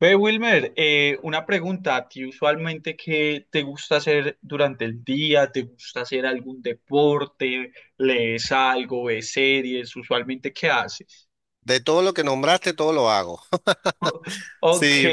Ve, Wilmer, una pregunta, ¿a ti usualmente qué te gusta hacer durante el día? ¿Te gusta hacer algún deporte? ¿Lees algo? ¿Ves series? ¿Usualmente qué haces? De todo lo que nombraste, todo lo hago. Ok. Sí,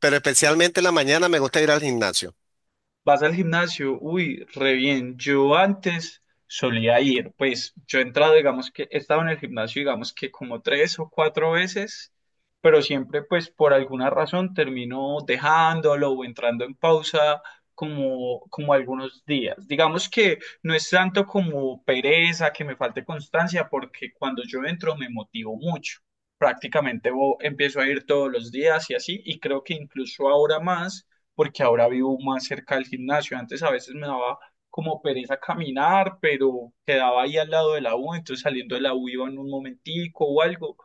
pero especialmente en la mañana me gusta ir al gimnasio. Vas al gimnasio, uy, re bien. Yo antes solía ir, pues yo he entrado, digamos que he estado en el gimnasio, digamos que como tres o cuatro veces, pero siempre pues por alguna razón termino dejándolo o entrando en pausa como algunos días. Digamos que no es tanto como pereza, que me falte constancia, porque cuando yo entro me motivo mucho. Prácticamente empiezo a ir todos los días y así, y creo que incluso ahora más porque ahora vivo más cerca del gimnasio. Antes a veces me daba como pereza caminar, pero quedaba ahí al lado de la U, entonces saliendo de la U iba en un momentico o algo,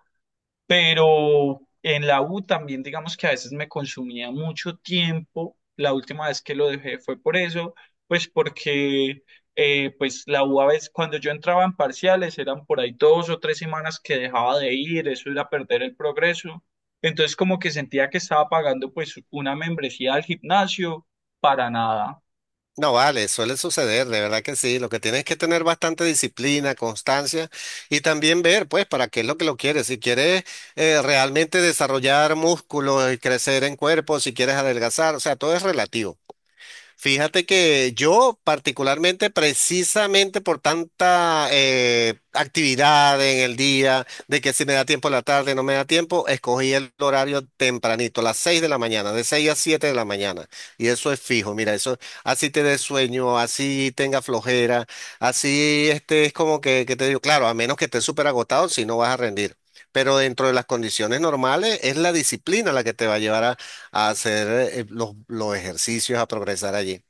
pero en la U también, digamos que a veces me consumía mucho tiempo. La última vez que lo dejé fue por eso, pues porque pues la U a veces cuando yo entraba en parciales eran por ahí 2 o 3 semanas que dejaba de ir, eso era perder el progreso. Entonces como que sentía que estaba pagando pues una membresía al gimnasio para nada. No, vale, suele suceder, de verdad que sí. Lo que tienes es que tener bastante disciplina, constancia y también ver, pues, para qué es lo que lo quieres. Si quieres realmente desarrollar músculo y crecer en cuerpo, si quieres adelgazar, o sea, todo es relativo. Fíjate que yo particularmente, precisamente por tanta actividad en el día, de que si me da tiempo en la tarde, no me da tiempo, escogí el horario tempranito, las 6 de la mañana, de 6 a 7 de la mañana. Y eso es fijo, mira, eso así te dé sueño, así tenga flojera, así este es como que te digo, claro, a menos que estés súper agotado, si no vas a rendir. Pero dentro de las condiciones normales es la disciplina la que te va a llevar a hacer los ejercicios, a progresar allí.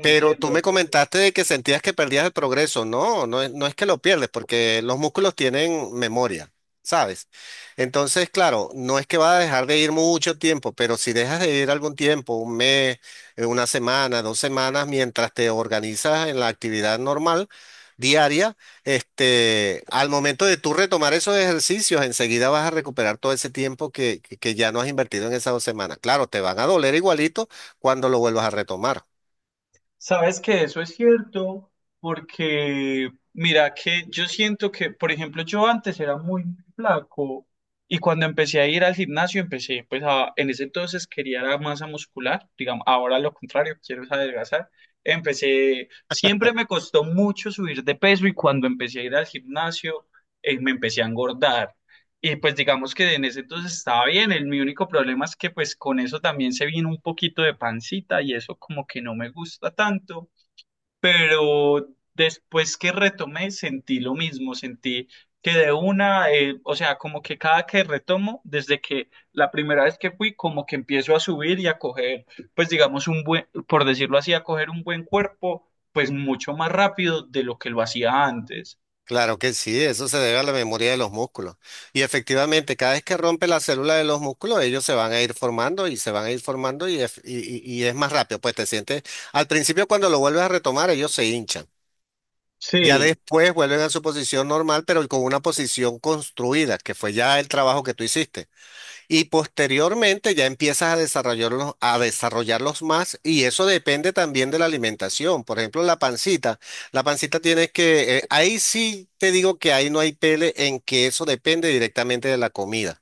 Pero tú me comentaste de que sentías que perdías el progreso. No, no es, no es que lo pierdes, porque los músculos tienen memoria, ¿sabes? Entonces, claro, no es que vas a dejar de ir mucho tiempo, pero si dejas de ir algún tiempo, 1 mes, 1 semana, 2 semanas, mientras te organizas en la actividad normal, diaria, este, al momento de tú retomar esos ejercicios, enseguida vas a recuperar todo ese tiempo que ya no has invertido en esas 2 semanas. Claro, te van a doler igualito cuando lo vuelvas a retomar. Sabes que eso es cierto, porque mira que yo siento que, por ejemplo, yo antes era muy flaco, y cuando empecé a ir al gimnasio empecé, pues a, en ese entonces quería la masa muscular, digamos, ahora lo contrario, quiero es adelgazar. Empecé, siempre me costó mucho subir de peso, y cuando empecé a ir al gimnasio me empecé a engordar. Y pues digamos que en ese entonces estaba bien, el, mi único problema es que pues con eso también se vino un poquito de pancita y eso como que no me gusta tanto, pero después que retomé sentí lo mismo, sentí que de una, o sea, como que cada que retomo, desde que la primera vez que fui, como que empiezo a subir y a coger, pues digamos un buen, por decirlo así, a coger un buen cuerpo, pues mucho más rápido de lo que lo hacía antes. Claro que sí, eso se debe a la memoria de los músculos. Y efectivamente, cada vez que rompe la célula de los músculos, ellos se van a ir formando y se van a ir formando y es más rápido. Pues te sientes, al principio cuando lo vuelves a retomar, ellos se hinchan. Ya Sí, después vuelven a su posición normal, pero con una posición construida, que fue ya el trabajo que tú hiciste. Y posteriormente ya empiezas a desarrollarlos más y eso depende también de la alimentación. Por ejemplo, la pancita. La pancita tienes que, ahí sí te digo que ahí no hay pele en que eso depende directamente de la comida.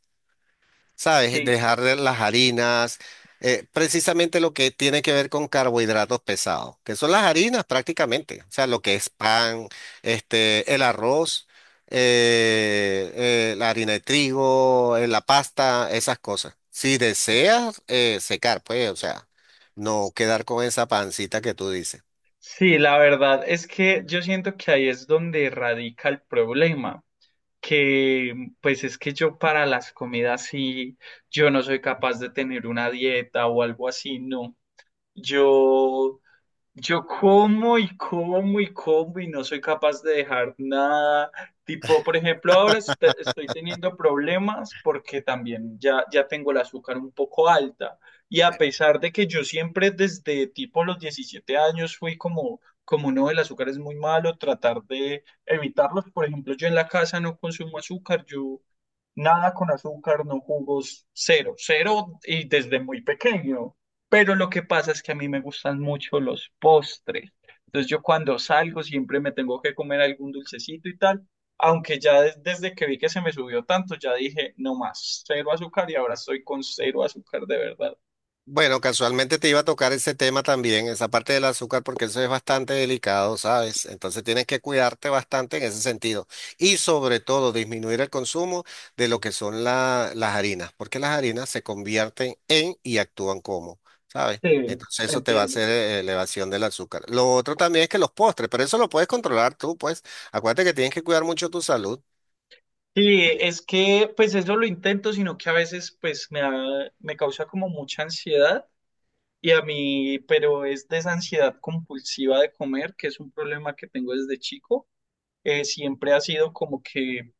¿Sabes? sí. Dejar de las harinas, precisamente lo que tiene que ver con carbohidratos pesados, que son las harinas prácticamente, o sea, lo que es pan, este, el arroz, la harina de trigo, la pasta, esas cosas. Si deseas secar, pues, o sea, no quedar con esa pancita que tú dices. Sí, la verdad es que yo siento que ahí es donde radica el problema, que pues es que yo para las comidas sí, yo no soy capaz de tener una dieta o algo así, no. Yo yo como y como y como y no soy capaz de dejar nada. Tipo, por ejemplo, ahora estoy teniendo problemas porque también ya tengo el azúcar un poco alta. Y a pesar de que yo siempre desde tipo los 17 años fui como, como no, el azúcar es muy malo, tratar de evitarlos. Por ejemplo, yo en la casa no consumo azúcar, yo nada con azúcar, no jugos, cero, cero, y desde muy pequeño. Pero lo que pasa es que a mí me gustan mucho los postres. Entonces yo cuando salgo siempre me tengo que comer algún dulcecito y tal, aunque ya desde que vi que se me subió tanto, ya dije, no más, cero azúcar, y ahora estoy con cero azúcar de verdad. Bueno, casualmente te iba a tocar ese tema también, esa parte del azúcar, porque eso es bastante delicado, ¿sabes? Entonces tienes que cuidarte bastante en ese sentido. Y sobre todo disminuir el consumo de lo que son la- las harinas, porque las harinas se convierten en y actúan como, ¿sabes? Sí, Entonces eso te va a entiendo. hacer elevación del azúcar. Lo otro también es que los postres, pero eso lo puedes controlar tú, pues. Acuérdate que tienes que cuidar mucho tu salud. Sí, es que pues eso lo intento, sino que a veces pues me, me causa como mucha ansiedad. Y a mí, pero es de esa ansiedad compulsiva de comer, que es un problema que tengo desde chico. Siempre ha sido como que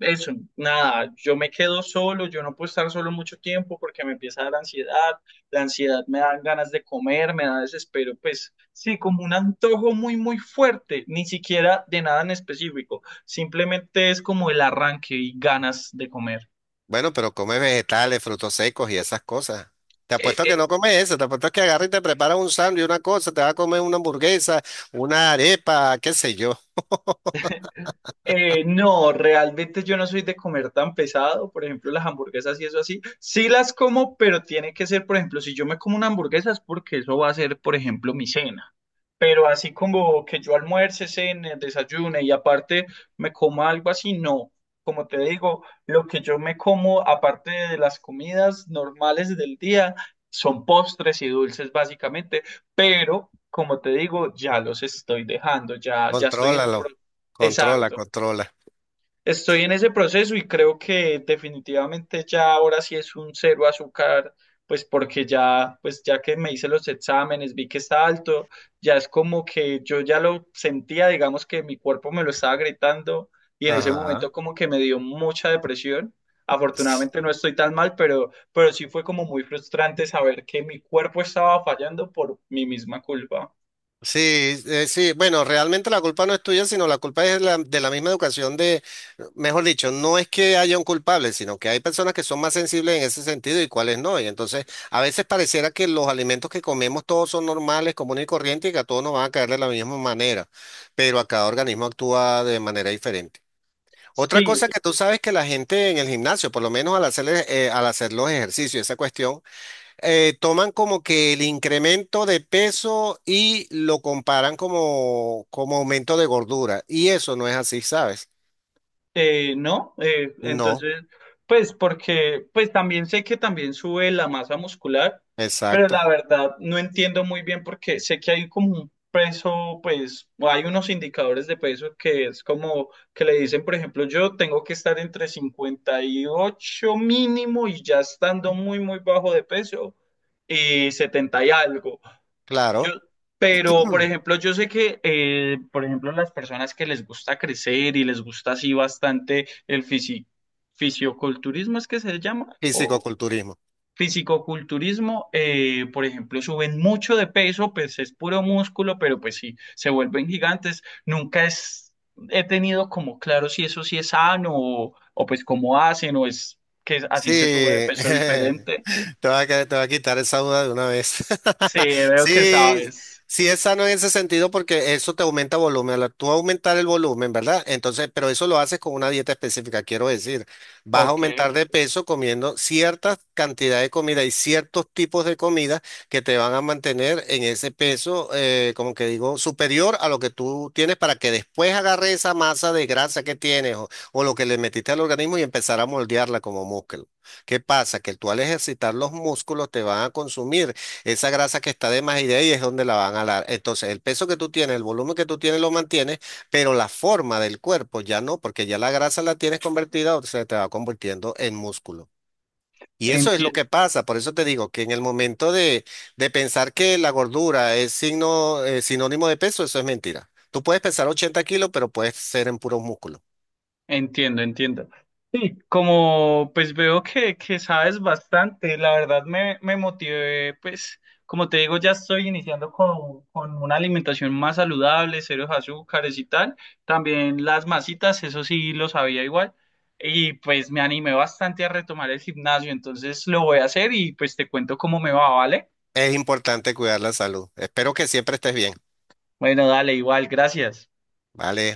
eso, nada, yo me quedo solo, yo no puedo estar solo mucho tiempo porque me empieza a dar ansiedad, la ansiedad me da ganas de comer, me da desespero, pues sí, como un antojo muy, muy fuerte, ni siquiera de nada en específico, simplemente es como el arranque y ganas de comer. Bueno, pero come vegetales, frutos secos y esas cosas. Te apuesto que no comes eso, te apuesto que agarra y te prepara un sándwich, una cosa, te va a comer una hamburguesa, una arepa, qué sé yo. No, realmente yo no soy de comer tan pesado, por ejemplo, las hamburguesas y eso así. Sí las como, pero tiene que ser, por ejemplo, si yo me como una hamburguesa es porque eso va a ser, por ejemplo, mi cena. Pero así como que yo almuerce, cene, desayune, y aparte me coma algo así, no. Como te digo, lo que yo me como, aparte de las comidas normales del día, son postres y dulces básicamente, pero como te digo, ya los estoy dejando, ya, ya estoy en un... pro- Contrólalo, controla, Exacto. controla. Estoy en ese proceso y creo que definitivamente ya ahora sí es un cero azúcar, pues porque ya, pues ya que me hice los exámenes, vi que está alto, ya es como que yo ya lo sentía, digamos que mi cuerpo me lo estaba gritando, y en ese momento Ajá. como que me dio mucha depresión. Afortunadamente no estoy tan mal, pero sí fue como muy frustrante saber que mi cuerpo estaba fallando por mi misma culpa. Sí, sí, bueno, realmente la culpa no es tuya, sino la culpa es la- de la misma educación de, mejor dicho, no es que haya un culpable, sino que hay personas que son más sensibles en ese sentido y cuáles no. Y entonces, a veces pareciera que los alimentos que comemos todos son normales, comunes y corrientes y que a todos nos van a caer de la misma manera, pero a cada organismo actúa de manera diferente. Otra Sí. cosa que tú sabes que la gente en el gimnasio, por lo menos al hacer los ejercicios, esa cuestión toman como que el incremento de peso y lo comparan como, como aumento de gordura. Y eso no es así, ¿sabes? No, No, entonces, pues porque, pues también sé que también sube la masa muscular, pero exacto, la verdad no entiendo muy bien porque sé que hay como un peso, pues o hay unos indicadores de peso que es como que le dicen, por ejemplo, yo tengo que estar entre 58 mínimo y ya estando muy, muy bajo de peso y 70 y algo. Yo, claro. pero, por ejemplo, yo sé que, por ejemplo, las personas que les gusta crecer y les gusta así bastante el fisioculturismo, ¿es que se llama? O Fisicoculturismo. fisicoculturismo, por ejemplo, suben mucho de peso, pues es puro músculo, pero pues sí, se vuelven gigantes. Nunca es, he tenido como claro si eso sí es sano o pues cómo hacen o es que así se sube de Sí, peso diferente. te va a, que- te va a quitar esa duda de una vez. Sí, veo que Sí, sabes. sí es sano en ese sentido porque eso te aumenta volumen. Al tú aumentar el volumen, ¿verdad? Entonces, pero eso lo haces con una dieta específica, quiero decir. Vas a Ok. aumentar de peso comiendo cierta cantidad de comida y ciertos tipos de comida que te van a mantener en ese peso, como que digo, superior a lo que tú tienes para que después agarre esa masa de grasa que tienes o lo que le metiste al organismo y empezar a moldearla como músculo. ¿Qué pasa? Que tú al ejercitar los músculos te van a consumir esa grasa que está de más y de ahí es donde la van a dar. Entonces, el peso que tú tienes, el volumen que tú tienes lo mantienes, pero la forma del cuerpo ya no, porque ya la grasa la tienes convertida o se te va convirtiendo en músculo. Y eso es lo Enti- que pasa. Por eso te digo que en el momento de pensar que la gordura es signo, sinónimo de peso, eso es mentira. Tú puedes pesar 80 kilos, pero puedes ser en puros músculos. Entiendo, entiendo. Sí, como pues veo que sabes bastante, la verdad me motivé, pues como te digo, ya estoy iniciando con una alimentación más saludable, ceros azúcares y tal. También las masitas, eso sí lo sabía igual. Y pues me animé bastante a retomar el gimnasio, entonces lo voy a hacer y pues te cuento cómo me va, ¿vale? Es importante cuidar la salud. Espero que siempre estés bien. Bueno, dale, igual, gracias. Vale.